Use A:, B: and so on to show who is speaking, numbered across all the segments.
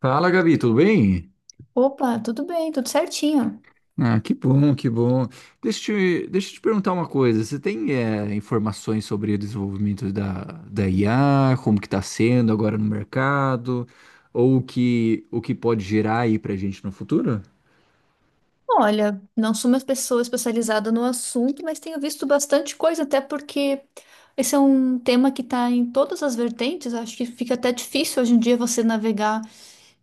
A: Fala, Gabi, tudo bem?
B: Opa, tudo bem, tudo certinho.
A: Ah, que bom, que bom. Deixa eu te perguntar uma coisa. Você tem informações sobre o desenvolvimento da IA, como que está sendo agora no mercado, ou o que pode gerar aí para a gente no futuro?
B: Olha, não sou uma pessoa especializada no assunto, mas tenho visto bastante coisa, até porque esse é um tema que está em todas as vertentes. Acho que fica até difícil hoje em dia você navegar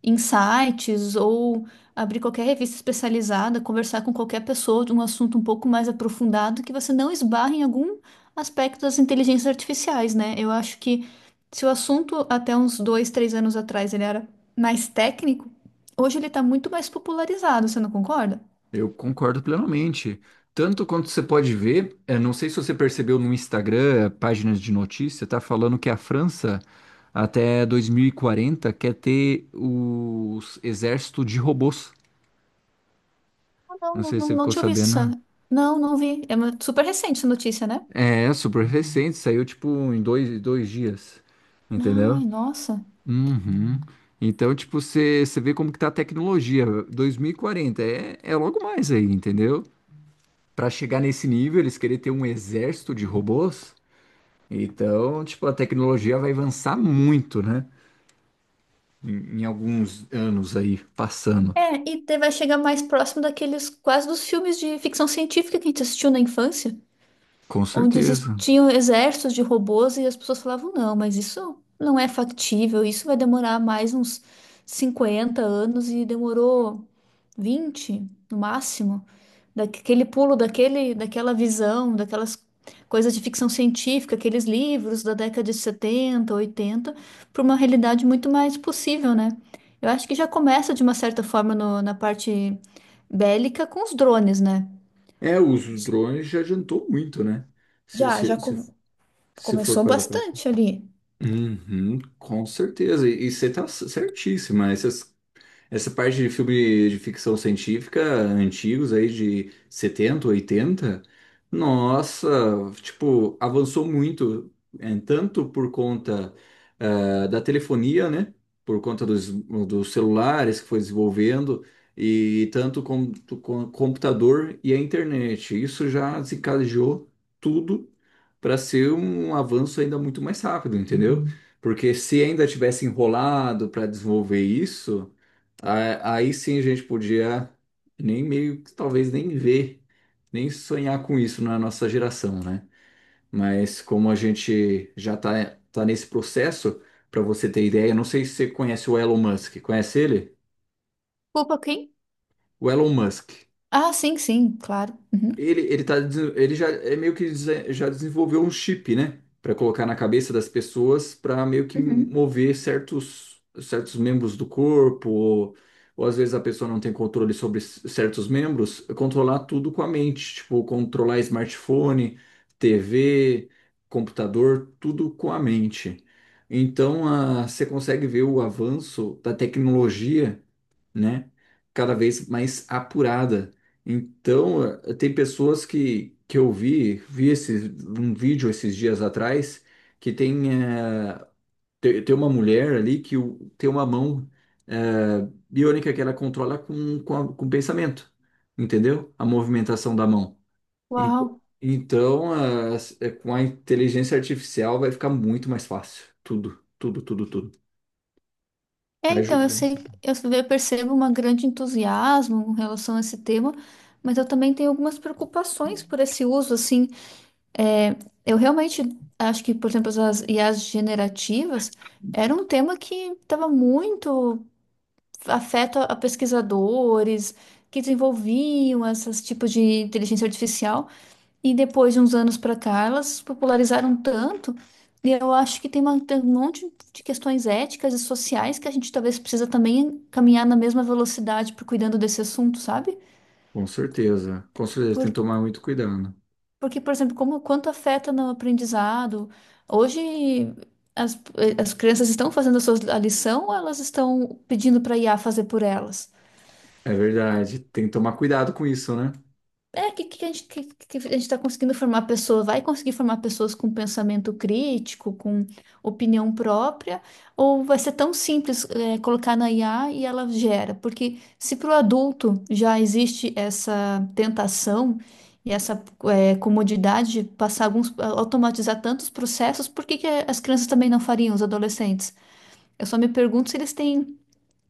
B: em sites ou abrir qualquer revista especializada, conversar com qualquer pessoa de um assunto um pouco mais aprofundado que você não esbarre em algum aspecto das inteligências artificiais, né? Eu acho que se o assunto até uns dois, três anos atrás ele era mais técnico, hoje ele está muito mais popularizado, você não concorda?
A: Eu concordo plenamente. Tanto quanto você pode ver, não sei se você percebeu no Instagram, páginas de notícia, tá falando que a França até 2040 quer ter o exército de robôs.
B: Ah, não,
A: Não
B: não,
A: sei se você
B: não, não
A: ficou
B: te ouvi
A: sabendo.
B: isso. Não, não vi. Super recente essa notícia, né?
A: É super recente, saiu tipo em dois dias, entendeu?
B: Ai, nossa.
A: Uhum. Então, tipo, você vê como que tá a tecnologia. 2040 é logo mais aí, entendeu? Pra chegar nesse nível, eles querem ter um exército de robôs. Então, tipo, a tecnologia vai avançar muito, né? Em alguns anos aí, passando.
B: É, vai chegar mais próximo daqueles quase dos filmes de ficção científica que a gente assistiu na infância,
A: Com
B: onde
A: certeza.
B: existiam exércitos de robôs e as pessoas falavam, não, mas isso não é factível, isso vai demorar mais uns 50 anos e demorou 20 no máximo. Daquela visão, daquelas coisas de ficção científica, aqueles livros da década de 70 80 para uma realidade muito mais possível, né? Eu acho que já começa de uma certa forma na parte bélica com os drones, né?
A: É, os drones já adiantou muito, né? Se,
B: Já, já,
A: se,
B: co-
A: se, se for
B: Começou
A: parar pra
B: bastante ali.
A: uhum, com certeza. E você está certíssima. Essa parte de filme de ficção científica antigos aí de 70 oitenta, nossa, tipo, avançou muito, é, tanto por conta da telefonia, né? Por conta dos celulares que foi desenvolvendo, e tanto com o computador e a internet. Isso já desencadeou tudo para ser um avanço ainda muito mais rápido, entendeu? Porque se ainda tivesse enrolado para desenvolver isso. Aí sim a gente podia nem meio que talvez nem ver, nem sonhar com isso na nossa geração, né? Mas como a gente já tá nesse processo, para você ter ideia, eu não sei se você conhece o Elon Musk. Conhece ele?
B: Culpa quem?
A: O Elon Musk.
B: Ah, sim, sim, claro. Uhum.
A: Ele já é meio já desenvolveu um chip, né? Para colocar na cabeça das pessoas, para meio que
B: Uhum.
A: mover certos membros do corpo, ou às vezes a pessoa não tem controle sobre certos membros, controlar tudo com a mente, tipo, controlar smartphone, TV, computador, tudo com a mente. Então, a, você consegue ver o avanço da tecnologia, né? Cada vez mais apurada. Então, tem pessoas que eu vi esse, um vídeo esses dias atrás, que tem, tem uma mulher ali tem uma mão biônica que ela controla com o pensamento, entendeu? A movimentação da mão. En-
B: Uau.
A: Então, com a inteligência artificial vai ficar muito mais fácil. Tudo, tudo, tudo, tudo.
B: É,
A: Vai
B: então, eu
A: ajudar.
B: sei,
A: Então.
B: eu percebo um grande entusiasmo em relação a esse tema, mas eu também tenho algumas preocupações por esse uso, assim, é, eu realmente acho que, por exemplo, as IAs generativas era um tema que estava muito afeto a pesquisadores que desenvolviam esses tipos de inteligência artificial. E depois de uns anos para cá, elas se popularizaram tanto, e eu acho que tem, tem um monte de questões éticas e sociais que a gente talvez precisa também caminhar na mesma velocidade por cuidando desse assunto, sabe?
A: Com certeza,
B: Por,
A: tem que tomar muito cuidado.
B: Porque, por exemplo, como quanto afeta no aprendizado. Hoje as, as crianças estão fazendo a sua a lição ou elas estão pedindo para a IA fazer por elas?
A: É verdade, tem que tomar cuidado com isso, né?
B: É, que a gente tá conseguindo formar pessoas, vai conseguir formar pessoas com pensamento crítico, com opinião própria, ou vai ser tão simples, colocar na IA e ela gera? Porque se para o adulto já existe essa tentação e essa, comodidade de passar alguns, automatizar tantos processos, por que que as crianças também não fariam, os adolescentes? Eu só me pergunto se eles têm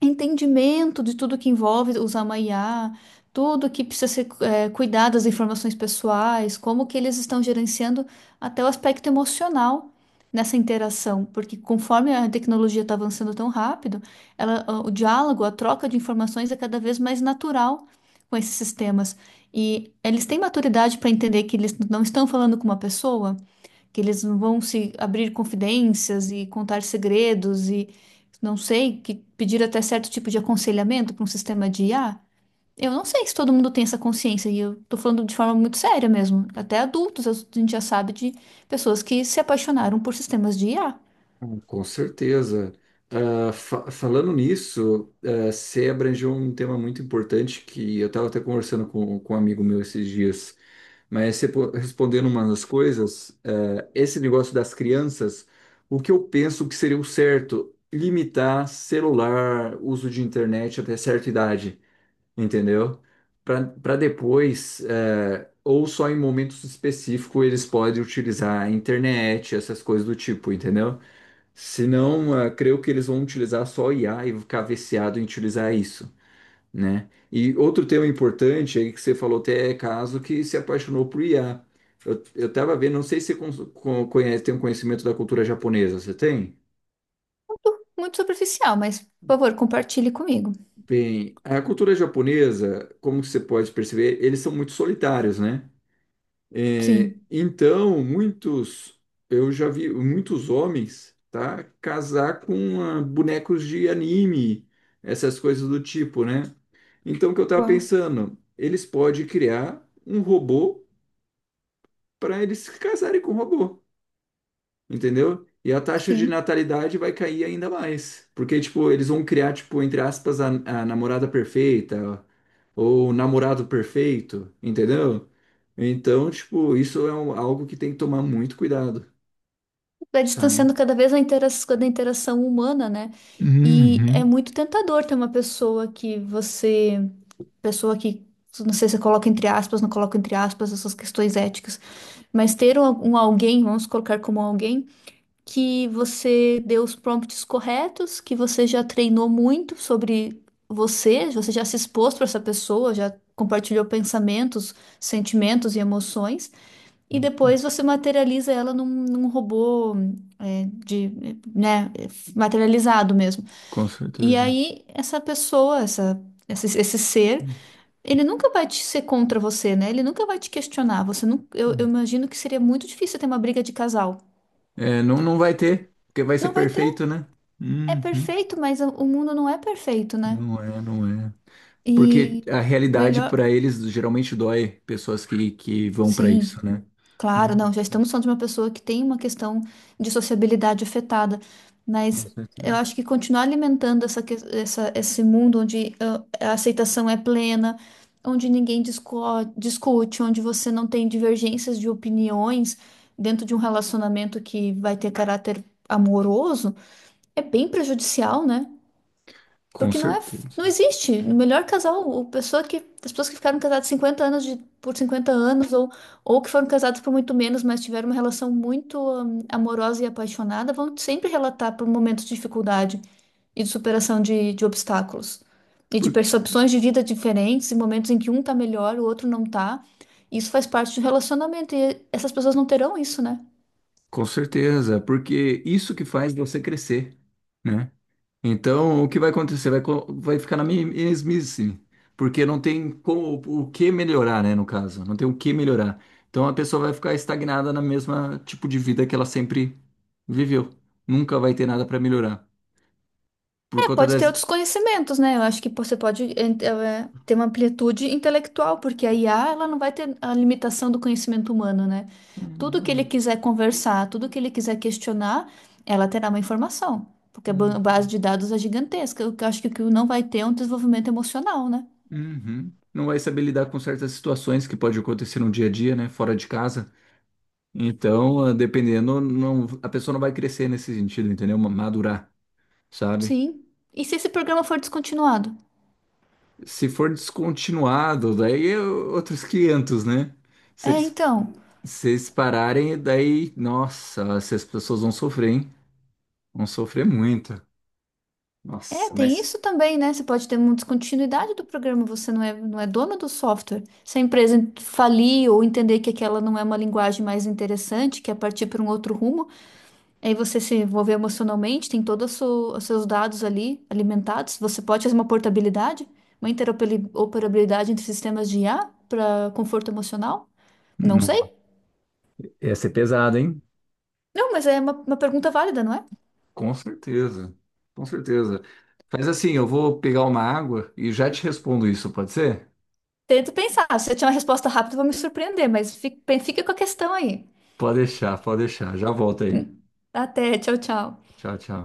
B: entendimento de tudo que envolve usar uma IA, tudo que precisa ser cuidado das informações pessoais, como que eles estão gerenciando até o aspecto emocional nessa interação, porque conforme a tecnologia está avançando tão rápido, ela, o diálogo, a troca de informações é cada vez mais natural com esses sistemas. E eles têm maturidade para entender que eles não estão falando com uma pessoa, que eles não vão se abrir confidências e contar segredos e não sei, que pedir até certo tipo de aconselhamento para um sistema de IA. Eu não sei se todo mundo tem essa consciência e eu tô falando de forma muito séria mesmo. Até adultos a gente já sabe de pessoas que se apaixonaram por sistemas de IA.
A: Ah, com certeza. Falando nisso, ah, você abrangeu um tema muito importante que eu estava até conversando com um amigo meu esses dias. Mas respondendo uma das coisas, esse negócio das crianças, o que eu penso que seria o certo? Limitar celular, uso de internet até certa idade, entendeu? Para depois, é, ou só em momentos específicos, eles podem utilizar a internet, essas coisas do tipo, entendeu? Senão, é, creio que eles vão utilizar só IA e ficar viciado em utilizar isso, né? E outro tema importante aí que você falou até é caso que se apaixonou por IA. Eu tava vendo, não sei se você conhece, tem um conhecimento da cultura japonesa, você tem?
B: Muito superficial, mas por favor, compartilhe comigo.
A: Bem, a cultura japonesa, como que você pode perceber, eles são muito solitários, né? É,
B: Sim.
A: então, eu já vi muitos homens, tá, casar com bonecos de anime, essas coisas do tipo, né? Então, o que eu tava
B: Uau.
A: pensando, eles podem criar um robô para eles se casarem com o robô, entendeu? E a taxa de
B: Sim.
A: natalidade vai cair ainda mais, porque, tipo, eles vão criar, tipo, entre aspas, a namorada perfeita, ou o namorado perfeito, entendeu? Então, tipo, algo que tem que tomar muito cuidado,
B: vai
A: sabe?
B: distanciando cada vez a intera- Da interação humana, né? E é
A: Uhum.
B: muito tentador ter uma pessoa que você, pessoa que, não sei se você coloca entre aspas, não coloca entre aspas essas questões éticas, mas ter um alguém, vamos colocar como alguém, que você deu os prompts corretos, que você já treinou muito sobre você, você já se expôs para essa pessoa, já compartilhou pensamentos, sentimentos e emoções. E depois você materializa ela num robô, é, de, né, materializado mesmo.
A: Com
B: E
A: certeza.
B: aí essa pessoa, esse ser, ele nunca vai te ser contra você, né? Ele nunca vai te questionar. Você não, eu
A: Uhum.
B: imagino que seria muito difícil ter uma briga de casal.
A: É, não vai ter, porque vai ser
B: Não vai ter.
A: perfeito, né?
B: É
A: Uhum.
B: perfeito, mas o mundo não é perfeito, né?
A: Não é. Porque
B: E
A: a realidade
B: melhor,
A: para eles geralmente dói pessoas que vão para
B: sim.
A: isso, né?
B: Claro, não, já estamos falando de uma pessoa que tem uma questão de sociabilidade afetada,
A: Com
B: mas eu
A: certeza.
B: acho que continuar alimentando esse mundo onde a aceitação é plena, onde discute, onde você não tem divergências de opiniões dentro de um relacionamento que vai ter caráter amoroso, é bem prejudicial, né?
A: Com
B: Porque
A: certeza.
B: não existe. O melhor casal, o pessoa que, As pessoas que ficaram casadas 50 anos por 50 anos, ou que foram casadas por muito menos, mas tiveram uma relação muito amorosa e apaixonada, vão sempre relatar por momentos de dificuldade e de superação de obstáculos. E de
A: Por-
B: percepções de vida diferentes, e momentos em que um tá melhor, o outro não tá. Isso faz parte do relacionamento, e essas pessoas não terão isso, né?
A: com certeza, porque isso que faz você crescer, né? Então, o que vai acontecer? Vai ficar na mesmice, porque não tem como, o que melhorar, né, no caso. Não tem o que melhorar. Então, a pessoa vai ficar estagnada na mesma tipo de vida que ela sempre viveu. Nunca vai ter nada para melhorar. Por
B: É,
A: conta
B: pode
A: das...
B: ter outros conhecimentos, né? Eu acho que você pode ter uma amplitude intelectual, porque a IA, ela não vai ter a limitação do conhecimento humano, né?
A: É, não
B: Tudo que
A: vai.
B: ele quiser conversar, tudo que ele quiser questionar, ela terá uma informação, porque a base
A: Uhum.
B: de dados é gigantesca. O que eu acho que o que não vai ter é um desenvolvimento emocional, né?
A: Uhum. Não vai saber lidar com certas situações que pode acontecer no dia a dia, né? Fora de casa. Então, ah, dependendo, não, a pessoa não vai crescer nesse sentido, entendeu? Madurar, sabe?
B: Sim. E se esse programa for descontinuado?
A: Se for descontinuado, daí é outros 500, né? Se
B: É,
A: eles,
B: então.
A: Se eles pararem, daí, nossa, se as pessoas vão sofrer, hein? Vão sofrer muito.
B: É,
A: Nossa,
B: tem
A: mas
B: isso também, né? Você pode ter uma descontinuidade do programa, você não é dono do software. Se a empresa falir ou entender que aquela não é uma linguagem mais interessante, quer partir para um outro rumo, aí você se envolver emocionalmente, tem todos os os seus dados ali alimentados. Você pode fazer uma portabilidade, uma interoperabilidade entre sistemas de IA para conforto emocional? Não
A: não.
B: sei.
A: Ia ser pesado, hein?
B: Não, mas é uma pergunta válida, não é?
A: Com certeza, com certeza. Faz assim, eu vou pegar uma água e já te respondo isso, pode ser?
B: Tento pensar. Se eu tiver uma resposta rápida, eu vou me surpreender, mas fica com a questão aí.
A: Pode deixar, pode deixar. Já volto aí.
B: Até, tchau, tchau.
A: Tchau, tchau.